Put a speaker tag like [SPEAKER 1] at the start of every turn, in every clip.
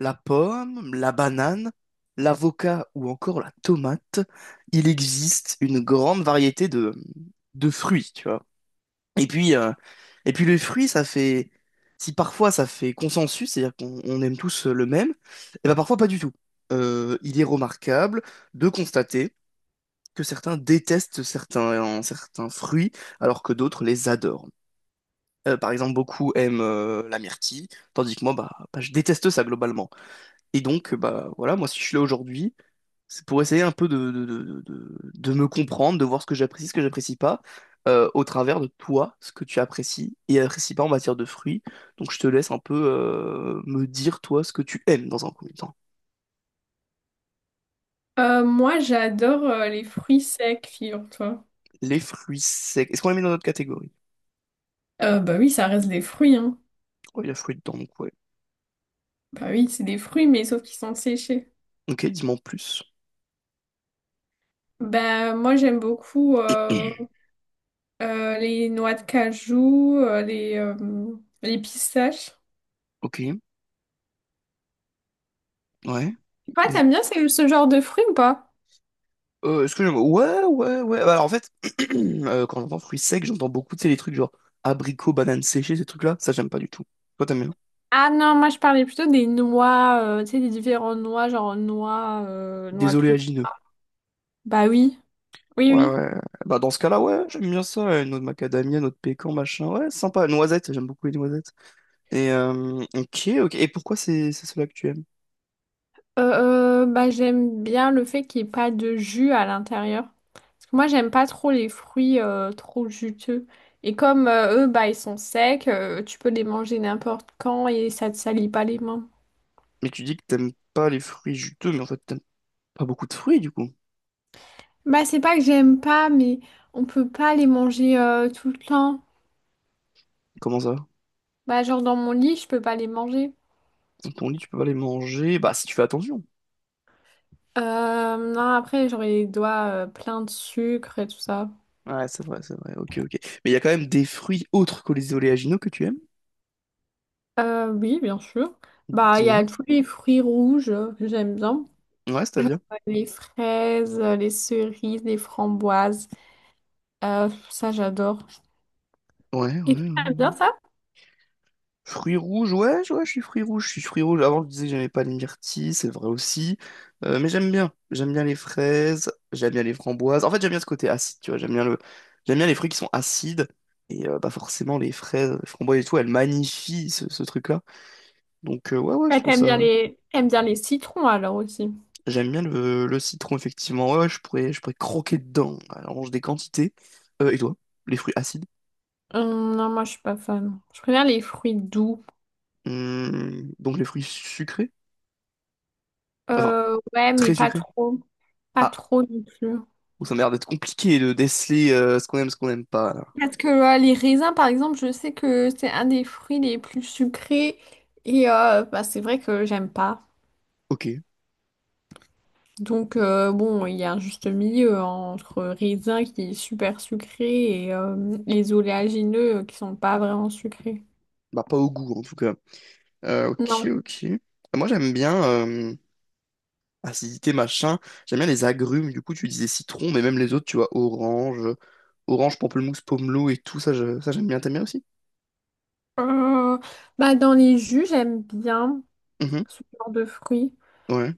[SPEAKER 1] La pomme, la banane, l'avocat ou encore la tomate, il existe une grande variété de fruits, tu vois. Et puis, euh, et puis le fruit, ça fait, si parfois ça fait consensus, c'est-à-dire qu'on on aime tous le même, et ben parfois pas du tout. Il est remarquable de constater que certains détestent certains fruits, alors que d'autres les adorent. Par exemple, beaucoup aiment la myrtille, tandis que moi, bah, je déteste ça globalement. Et donc, bah voilà, moi si je suis là aujourd'hui, c'est pour essayer un peu de me comprendre, de voir ce que j'apprécie pas, au travers de toi, ce que tu apprécies et apprécies pas en matière de fruits. Donc je te laisse un peu me dire toi ce que tu aimes dans un premier temps.
[SPEAKER 2] Moi, j'adore les fruits secs, figure-toi.
[SPEAKER 1] Les fruits secs. Est-ce qu'on les met dans notre catégorie?
[SPEAKER 2] Bah oui, ça reste des fruits, hein.
[SPEAKER 1] Oh, il y a fruits dedans, donc ouais.
[SPEAKER 2] Bah oui, c'est des fruits, mais sauf qu'ils sont séchés.
[SPEAKER 1] Ok, dis-moi en plus.
[SPEAKER 2] Bah moi, j'aime beaucoup les noix de cajou, euh, les pistaches.
[SPEAKER 1] Ok, ouais.
[SPEAKER 2] Toi,
[SPEAKER 1] Les-
[SPEAKER 2] t'aimes bien ce genre de fruits ou pas?
[SPEAKER 1] Est-ce que j'aime? Ouais, ouais, ouais. Bah, alors en fait, quand j'entends fruits secs, j'entends beaucoup, tu sais, les trucs genre abricots, bananes séchées, ces trucs-là. Ça, j'aime pas du tout. Toi, t'aimes bien?
[SPEAKER 2] Ah non, moi, je parlais plutôt des noix, tu sais, des différentes noix, genre noix, noix
[SPEAKER 1] Des
[SPEAKER 2] toutes.
[SPEAKER 1] oléagineux.
[SPEAKER 2] Bah oui, oui,
[SPEAKER 1] Ouais,
[SPEAKER 2] oui.
[SPEAKER 1] ouais. Bah dans ce cas-là, ouais, j'aime bien ça. Euh, noix de macadamia, noix de pécan, machin. Ouais, sympa. Noisettes, j'aime beaucoup les noisettes. Et ok, ok. Et pourquoi c'est cela que tu aimes?
[SPEAKER 2] Bah j'aime bien le fait qu'il n'y ait pas de jus à l'intérieur. Moi, j'aime pas trop les fruits trop juteux. Et comme eux, bah, ils sont secs, tu peux les manger n'importe quand et ça te salit pas les mains.
[SPEAKER 1] Mais tu dis que t'aimes pas les fruits juteux, mais en fait, t'aimes pas beaucoup de fruits, du coup.
[SPEAKER 2] Bah, c'est pas que j'aime pas, mais on peut pas les manger tout le temps.
[SPEAKER 1] Comment ça?
[SPEAKER 2] Bah, genre dans mon lit, je peux pas les manger.
[SPEAKER 1] Dans ton lit, tu peux pas les manger. Bah, si tu fais attention.
[SPEAKER 2] Non, après, j'aurais les doigts pleins de sucre et tout ça.
[SPEAKER 1] Ouais, c'est vrai, c'est vrai. Ok, ok. Mais il y a quand même des fruits autres que les oléagineux que tu aimes.
[SPEAKER 2] Oui, bien sûr. Bah, il y
[SPEAKER 1] Dis-moi.
[SPEAKER 2] a tous les fruits rouges que j'aime bien.
[SPEAKER 1] Ouais, c'est-à-dire?
[SPEAKER 2] Les fraises, les cerises, les framboises. Ça, j'adore.
[SPEAKER 1] Ouais,
[SPEAKER 2] Et tu
[SPEAKER 1] ouais,
[SPEAKER 2] aimes
[SPEAKER 1] ouais.
[SPEAKER 2] bien ça?
[SPEAKER 1] Fruits rouges, ouais, ouais, je suis fruits rouges, je suis fruits rouges. Avant, je disais que j'aimais pas les myrtilles, c'est vrai aussi. Mais j'aime bien. J'aime bien les fraises, j'aime bien les framboises. En fait, j'aime bien ce côté acide, tu vois. J'aime bien le... j'aime bien les fruits qui sont acides. Et bah forcément, les fraises, les framboises et tout, elles magnifient ce truc-là. Donc, ouais, ouais, je
[SPEAKER 2] Ouais,
[SPEAKER 1] trouve
[SPEAKER 2] t'aimes bien
[SPEAKER 1] ça.
[SPEAKER 2] les t'aimes bien les citrons alors aussi.
[SPEAKER 1] J'aime bien le citron, effectivement. Ouais, ouais, je pourrais croquer dedans. Alors, on mange des quantités. Et toi, les fruits acides?
[SPEAKER 2] Non, moi je suis pas fan. Je préfère les fruits doux.
[SPEAKER 1] Donc, les fruits sucrés? Enfin,
[SPEAKER 2] Ouais, mais
[SPEAKER 1] très
[SPEAKER 2] pas
[SPEAKER 1] sucrés.
[SPEAKER 2] trop. Pas
[SPEAKER 1] Ah,
[SPEAKER 2] trop non plus.
[SPEAKER 1] oh, ça m'a l'air d'être compliqué de déceler ce qu'on aime, ce qu'on n'aime pas. Là.
[SPEAKER 2] Parce que les raisins, par exemple, je sais que c'est un des fruits les plus sucrés. Et bah, c'est vrai que j'aime pas.
[SPEAKER 1] Ok,
[SPEAKER 2] Donc bon, il y a un juste milieu entre raisin qui est super sucré et les oléagineux qui sont pas vraiment sucrés.
[SPEAKER 1] bah pas au goût en tout cas. Ok,
[SPEAKER 2] Non.
[SPEAKER 1] ok. Moi j'aime bien acidité machin. J'aime bien les agrumes. Du coup tu disais citron, mais même les autres, tu vois, orange, pamplemousse, pomelo et tout ça, ça j'aime bien. T'aimes bien aussi?
[SPEAKER 2] Euh, Bah dans les jus, j'aime bien
[SPEAKER 1] Mhm.
[SPEAKER 2] ce genre de fruits.
[SPEAKER 1] Ouais.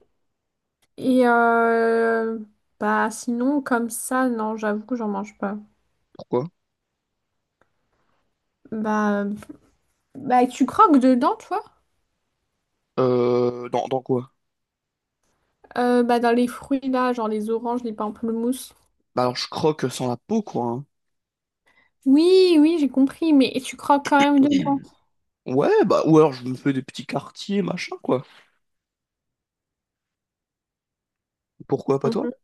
[SPEAKER 2] Et euh, Bah sinon comme ça non j'avoue que j'en mange pas.
[SPEAKER 1] Pourquoi?
[SPEAKER 2] Bah euh, Bah tu croques dedans toi?
[SPEAKER 1] Dans quoi?
[SPEAKER 2] Bah dans les fruits là genre les oranges, les pamplemousses.
[SPEAKER 1] Bah alors je croque sans la peau quoi. Hein.
[SPEAKER 2] Oui oui j'ai compris mais tu croques quand même dedans.
[SPEAKER 1] Mm. Ouais, bah ou alors je me fais des petits quartiers machin quoi. Pourquoi pas toi?
[SPEAKER 2] Mhm.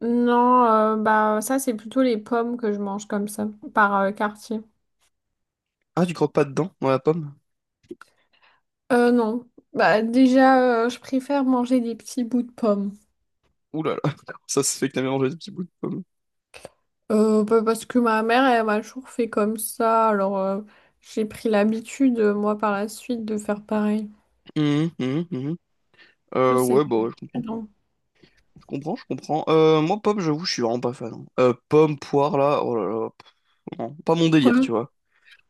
[SPEAKER 2] Non Bah ça c'est plutôt les pommes que je mange comme ça par quartier.
[SPEAKER 1] Ah tu croques pas dedans dans la pomme?
[SPEAKER 2] Non bah déjà, je préfère manger des petits bouts de pommes.
[SPEAKER 1] Ouh là là, ça se fait que t'as mélangé des petits bouts de pomme.
[SPEAKER 2] Bah, parce que ma mère, elle m'a toujours fait comme ça, alors j'ai pris l'habitude, moi, par la suite, de faire pareil.
[SPEAKER 1] Mhm, mhm, mhm.
[SPEAKER 2] Je sais,
[SPEAKER 1] Ouais, bah ouais, je comprends.
[SPEAKER 2] non.
[SPEAKER 1] Je comprends, je comprends. Moi, pomme, j'avoue, je suis vraiment pas fan. Hein. Pomme, poire, là, oh là là, pff, non, pas mon délire, tu
[SPEAKER 2] Quoi?
[SPEAKER 1] vois.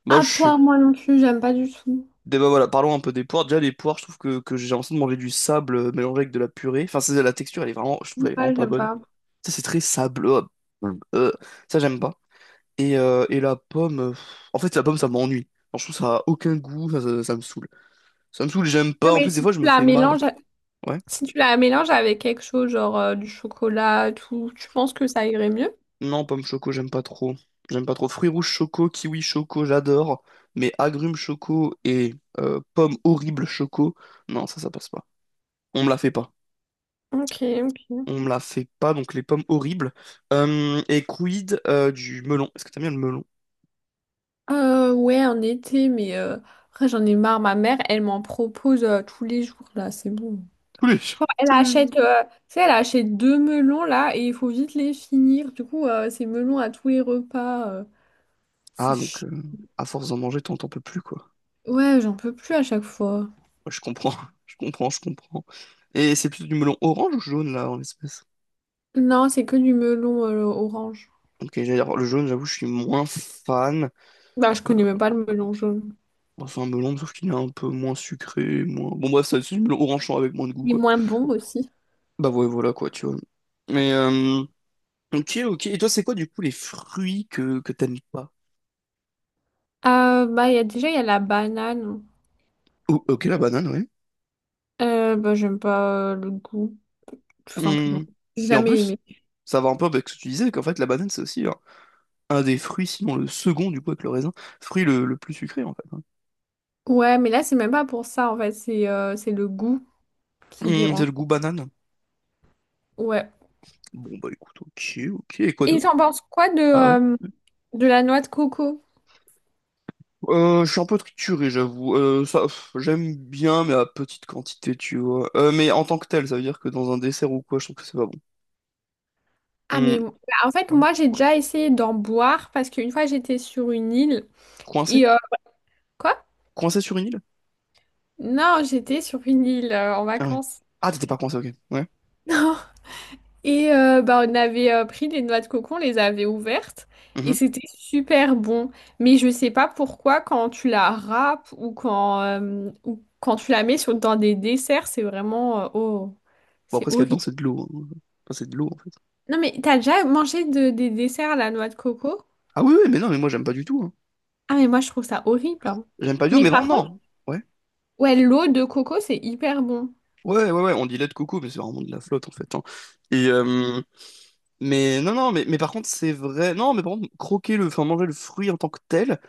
[SPEAKER 1] Moi,
[SPEAKER 2] Ah,
[SPEAKER 1] je suis...
[SPEAKER 2] poire, moi non plus, j'aime pas du tout.
[SPEAKER 1] Bah, voilà, parlons un peu des poires. Déjà, les poires, je trouve que j'ai l'impression de manger du sable mélangé avec de la purée. Enfin, c'est la texture, elle est vraiment... Je trouve elle est vraiment
[SPEAKER 2] Ouais,
[SPEAKER 1] pas
[SPEAKER 2] j'aime
[SPEAKER 1] bonne.
[SPEAKER 2] pas.
[SPEAKER 1] Tu sais, c'est très sableux. Euh, ça, j'aime pas. Et la pomme... pff, en fait, la pomme, ça m'ennuie. Genre, je trouve ça a aucun goût, ça me saoule. Ça me saoule, j'aime
[SPEAKER 2] Ouais,
[SPEAKER 1] pas. En
[SPEAKER 2] mais
[SPEAKER 1] plus, des
[SPEAKER 2] si
[SPEAKER 1] fois,
[SPEAKER 2] tu
[SPEAKER 1] je me
[SPEAKER 2] la
[SPEAKER 1] fais mal.
[SPEAKER 2] mélanges,
[SPEAKER 1] Ouais.
[SPEAKER 2] si tu la mélanges avec quelque chose, genre du chocolat, et tout, tu penses que ça irait mieux?
[SPEAKER 1] Non, pomme choco, j'aime pas trop. J'aime pas trop. Fruits rouges choco, kiwi choco, j'adore. Mais agrumes choco et pommes horribles choco, non, ça passe pas. On me la fait pas.
[SPEAKER 2] Ok, ok.
[SPEAKER 1] On me la fait pas, donc les pommes horribles. Et quid du melon? Est-ce que t'aimes bien le melon?
[SPEAKER 2] Ouais, en été, mais après, j'en ai marre. Ma mère, elle m'en propose tous les jours, là, c'est bon.
[SPEAKER 1] Tous les jours.
[SPEAKER 2] Genre, elle
[SPEAKER 1] Tous les jours.
[SPEAKER 2] achète, tu sais, elle achète deux melons là et il faut vite les finir. Du coup, c'est melons à tous les repas. C'est
[SPEAKER 1] Ah, donc,
[SPEAKER 2] chi-
[SPEAKER 1] à force d'en manger, t'en peux plus, quoi.
[SPEAKER 2] Ouais, j'en peux plus à chaque fois.
[SPEAKER 1] Ouais, je comprends, je comprends, je comprends. Et c'est plutôt du melon orange ou jaune, là, en l'espèce?
[SPEAKER 2] Non, c'est que du melon orange.
[SPEAKER 1] Ok, j'allais dire, le jaune, j'avoue, je suis moins fan.
[SPEAKER 2] Bah, je connais même pas le melon jaune.
[SPEAKER 1] Bon, c'est un melon, sauf qu'il est un peu moins sucré, moins... Bon bref, ça, c'est du melon orange avec moins de goût,
[SPEAKER 2] Il est
[SPEAKER 1] quoi.
[SPEAKER 2] moins bon aussi.
[SPEAKER 1] Bah ouais, voilà, quoi, tu vois. Mais, ok, ok. Et toi, c'est quoi, du coup, les fruits que t'aimes pas?
[SPEAKER 2] Bah, il y a déjà, il y a la banane.
[SPEAKER 1] Oh, ok, la banane, oui.
[SPEAKER 2] Bah, j'aime pas le goût, tout simplement.
[SPEAKER 1] Hum.
[SPEAKER 2] J'ai
[SPEAKER 1] Et en
[SPEAKER 2] jamais
[SPEAKER 1] plus,
[SPEAKER 2] aimé.
[SPEAKER 1] ça va un peu avec ce que tu disais, qu'en fait, la banane, c'est aussi genre, un des fruits, sinon le second, du coup, avec le raisin, fruit le plus sucré, en fait. Hein.
[SPEAKER 2] Ouais, mais là, c'est même pas pour ça en fait. C'est le goût qui dérange.
[SPEAKER 1] C'est le goût banane.
[SPEAKER 2] Ouais.
[SPEAKER 1] Bon, bah écoute, ok, ok. Et quoi
[SPEAKER 2] Et
[SPEAKER 1] d'autre?
[SPEAKER 2] t'en penses quoi
[SPEAKER 1] Ah ouais?
[SPEAKER 2] de la noix de coco?
[SPEAKER 1] Je suis un peu trituré, j'avoue. Ça, pff, j'aime bien, mais à petite quantité, tu vois. Mais en tant que tel, ça veut dire que dans un dessert ou quoi, je trouve que c'est pas bon.
[SPEAKER 2] Ah mais
[SPEAKER 1] Hum,
[SPEAKER 2] bah, en fait
[SPEAKER 1] ouais.
[SPEAKER 2] moi j'ai déjà essayé d'en boire parce qu'une fois j'étais sur une île
[SPEAKER 1] Coincé?
[SPEAKER 2] et euh, quoi?
[SPEAKER 1] Coincé sur une île?
[SPEAKER 2] Non j'étais sur une île en
[SPEAKER 1] Ah ouais.
[SPEAKER 2] vacances.
[SPEAKER 1] Ah, t'étais pas coincé, ok. Ouais.
[SPEAKER 2] Non. Et bah on avait pris des noix de coco, on les avait ouvertes et
[SPEAKER 1] Mhm.
[SPEAKER 2] c'était super bon. Mais je sais pas pourquoi quand tu la râpes ou quand tu la mets sur, dans des desserts c'est vraiment oh
[SPEAKER 1] Bon, après,
[SPEAKER 2] c'est
[SPEAKER 1] ce qu'il y a dedans,
[SPEAKER 2] horrible.
[SPEAKER 1] c'est de l'eau. Hein. Enfin, c'est de l'eau, en fait.
[SPEAKER 2] Non mais t'as déjà mangé de- des desserts à la noix de coco?
[SPEAKER 1] Ah oui, oui, mais non, mais moi, j'aime pas du tout. Hein.
[SPEAKER 2] Ah mais moi je trouve ça horrible, hein.
[SPEAKER 1] J'aime pas du tout,
[SPEAKER 2] Mais
[SPEAKER 1] mais vraiment,
[SPEAKER 2] par contre
[SPEAKER 1] non. Ouais.
[SPEAKER 2] ouais, l'eau de coco, c'est hyper bon.
[SPEAKER 1] Ouais, ouais, ouais, on dit lait de coco, mais c'est vraiment de la flotte, en fait. Hein. Et, mais non, non, mais par contre, c'est vrai. Non, mais par contre, croquer le, enfin, manger le fruit en tant que tel,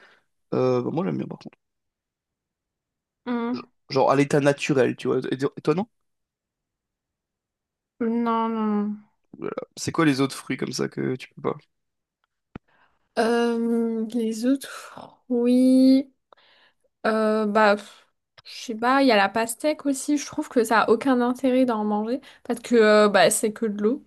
[SPEAKER 1] bah, moi, j'aime bien, par contre.
[SPEAKER 2] Hmm.
[SPEAKER 1] Genre à l'état naturel, tu vois. Et toi, non?
[SPEAKER 2] Non, non, non.
[SPEAKER 1] Voilà. C'est quoi les autres fruits comme ça que tu peux pas?
[SPEAKER 2] Les autres fruits, bah, pff, je sais pas, il y a la pastèque aussi, je trouve que ça a aucun intérêt d'en manger, parce que bah, c'est que de l'eau.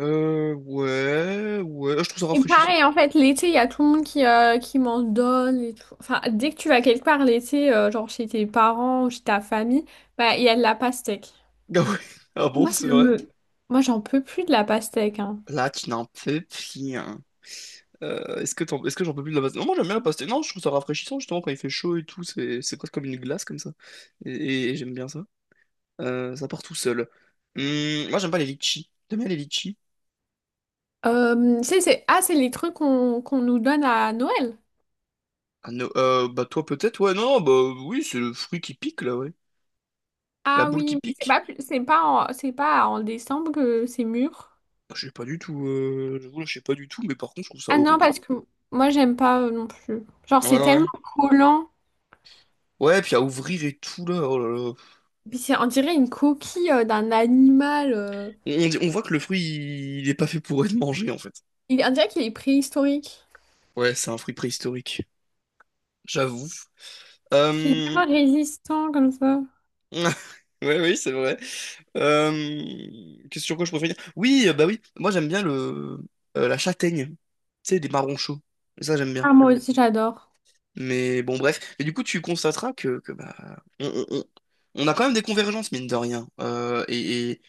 [SPEAKER 1] Ouais, ouais, je trouve ça
[SPEAKER 2] Et
[SPEAKER 1] rafraîchissant.
[SPEAKER 2] pareil, en fait, l'été, il y a tout le monde qui, qui m'en donne et tout. Enfin, dès que tu vas quelque part l'été, genre chez tes parents, chez ta famille, bah, il y a de la pastèque.
[SPEAKER 1] Ah ouais, ah bon,
[SPEAKER 2] Moi, ça
[SPEAKER 1] c'est vrai.
[SPEAKER 2] me Moi, j'en peux plus de la pastèque, hein.
[SPEAKER 1] Là, tu n'en peux plus. Hein. Est-ce que j'en peux plus de la pastèque? Non, moi j'aime bien la pastèque. Non, je trouve ça rafraîchissant justement quand il fait chaud et tout. C'est presque comme une glace comme ça. Et j'aime bien ça. Ça part tout seul. Moi j'aime pas les litchis. T'aimes bien les litchis?
[SPEAKER 2] C'est ah, c'est les trucs qu'on nous donne à Noël.
[SPEAKER 1] Ah, non, bah toi peut-être, ouais, non, bah oui, c'est le fruit qui pique là, ouais. La
[SPEAKER 2] Ah
[SPEAKER 1] boule
[SPEAKER 2] oui,
[SPEAKER 1] qui
[SPEAKER 2] mais
[SPEAKER 1] pique.
[SPEAKER 2] c'est pas, c'est pas en décembre que c'est mûr.
[SPEAKER 1] Bah, je sais pas du tout, j'avoue, là, je sais pas du tout, mais par contre, je trouve ça
[SPEAKER 2] Ah non,
[SPEAKER 1] horrible.
[SPEAKER 2] parce que moi, j'aime pas non plus. Genre,
[SPEAKER 1] Ouais,
[SPEAKER 2] c'est
[SPEAKER 1] ouais.
[SPEAKER 2] tellement collant.
[SPEAKER 1] Ouais, puis à ouvrir et tout, là, oh là là.
[SPEAKER 2] Puis c'est, on dirait une coquille d'un animal.
[SPEAKER 1] On, on voit que le fruit, il est pas fait pour être mangé, en fait.
[SPEAKER 2] Il, on dirait qu'il est préhistorique.
[SPEAKER 1] Ouais, c'est un fruit préhistorique. J'avoue.
[SPEAKER 2] Parce qu'il est
[SPEAKER 1] Euh...
[SPEAKER 2] tellement résistant comme ça.
[SPEAKER 1] Ouais, oui, c'est vrai. Euh... Qu'est-ce sur quoi je préfère dire? Oui, bah oui, moi j'aime bien le la châtaigne, tu sais, des marrons chauds. Ça, j'aime bien.
[SPEAKER 2] Ah, moi aussi, j'adore.
[SPEAKER 1] Mais bon, bref. Mais du coup, tu constateras que, bah, on a quand même des convergences, mine de rien. Et, et-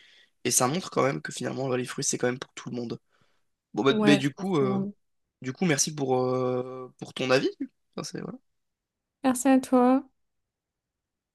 [SPEAKER 1] et ça montre quand même que finalement, là, les fruits, c'est quand même pour tout le monde. Bon, bah, mais
[SPEAKER 2] Ouais, c'est pour tout le monde.
[SPEAKER 1] du coup, merci pour ton avis. Enfin, c'est-
[SPEAKER 2] Merci à toi.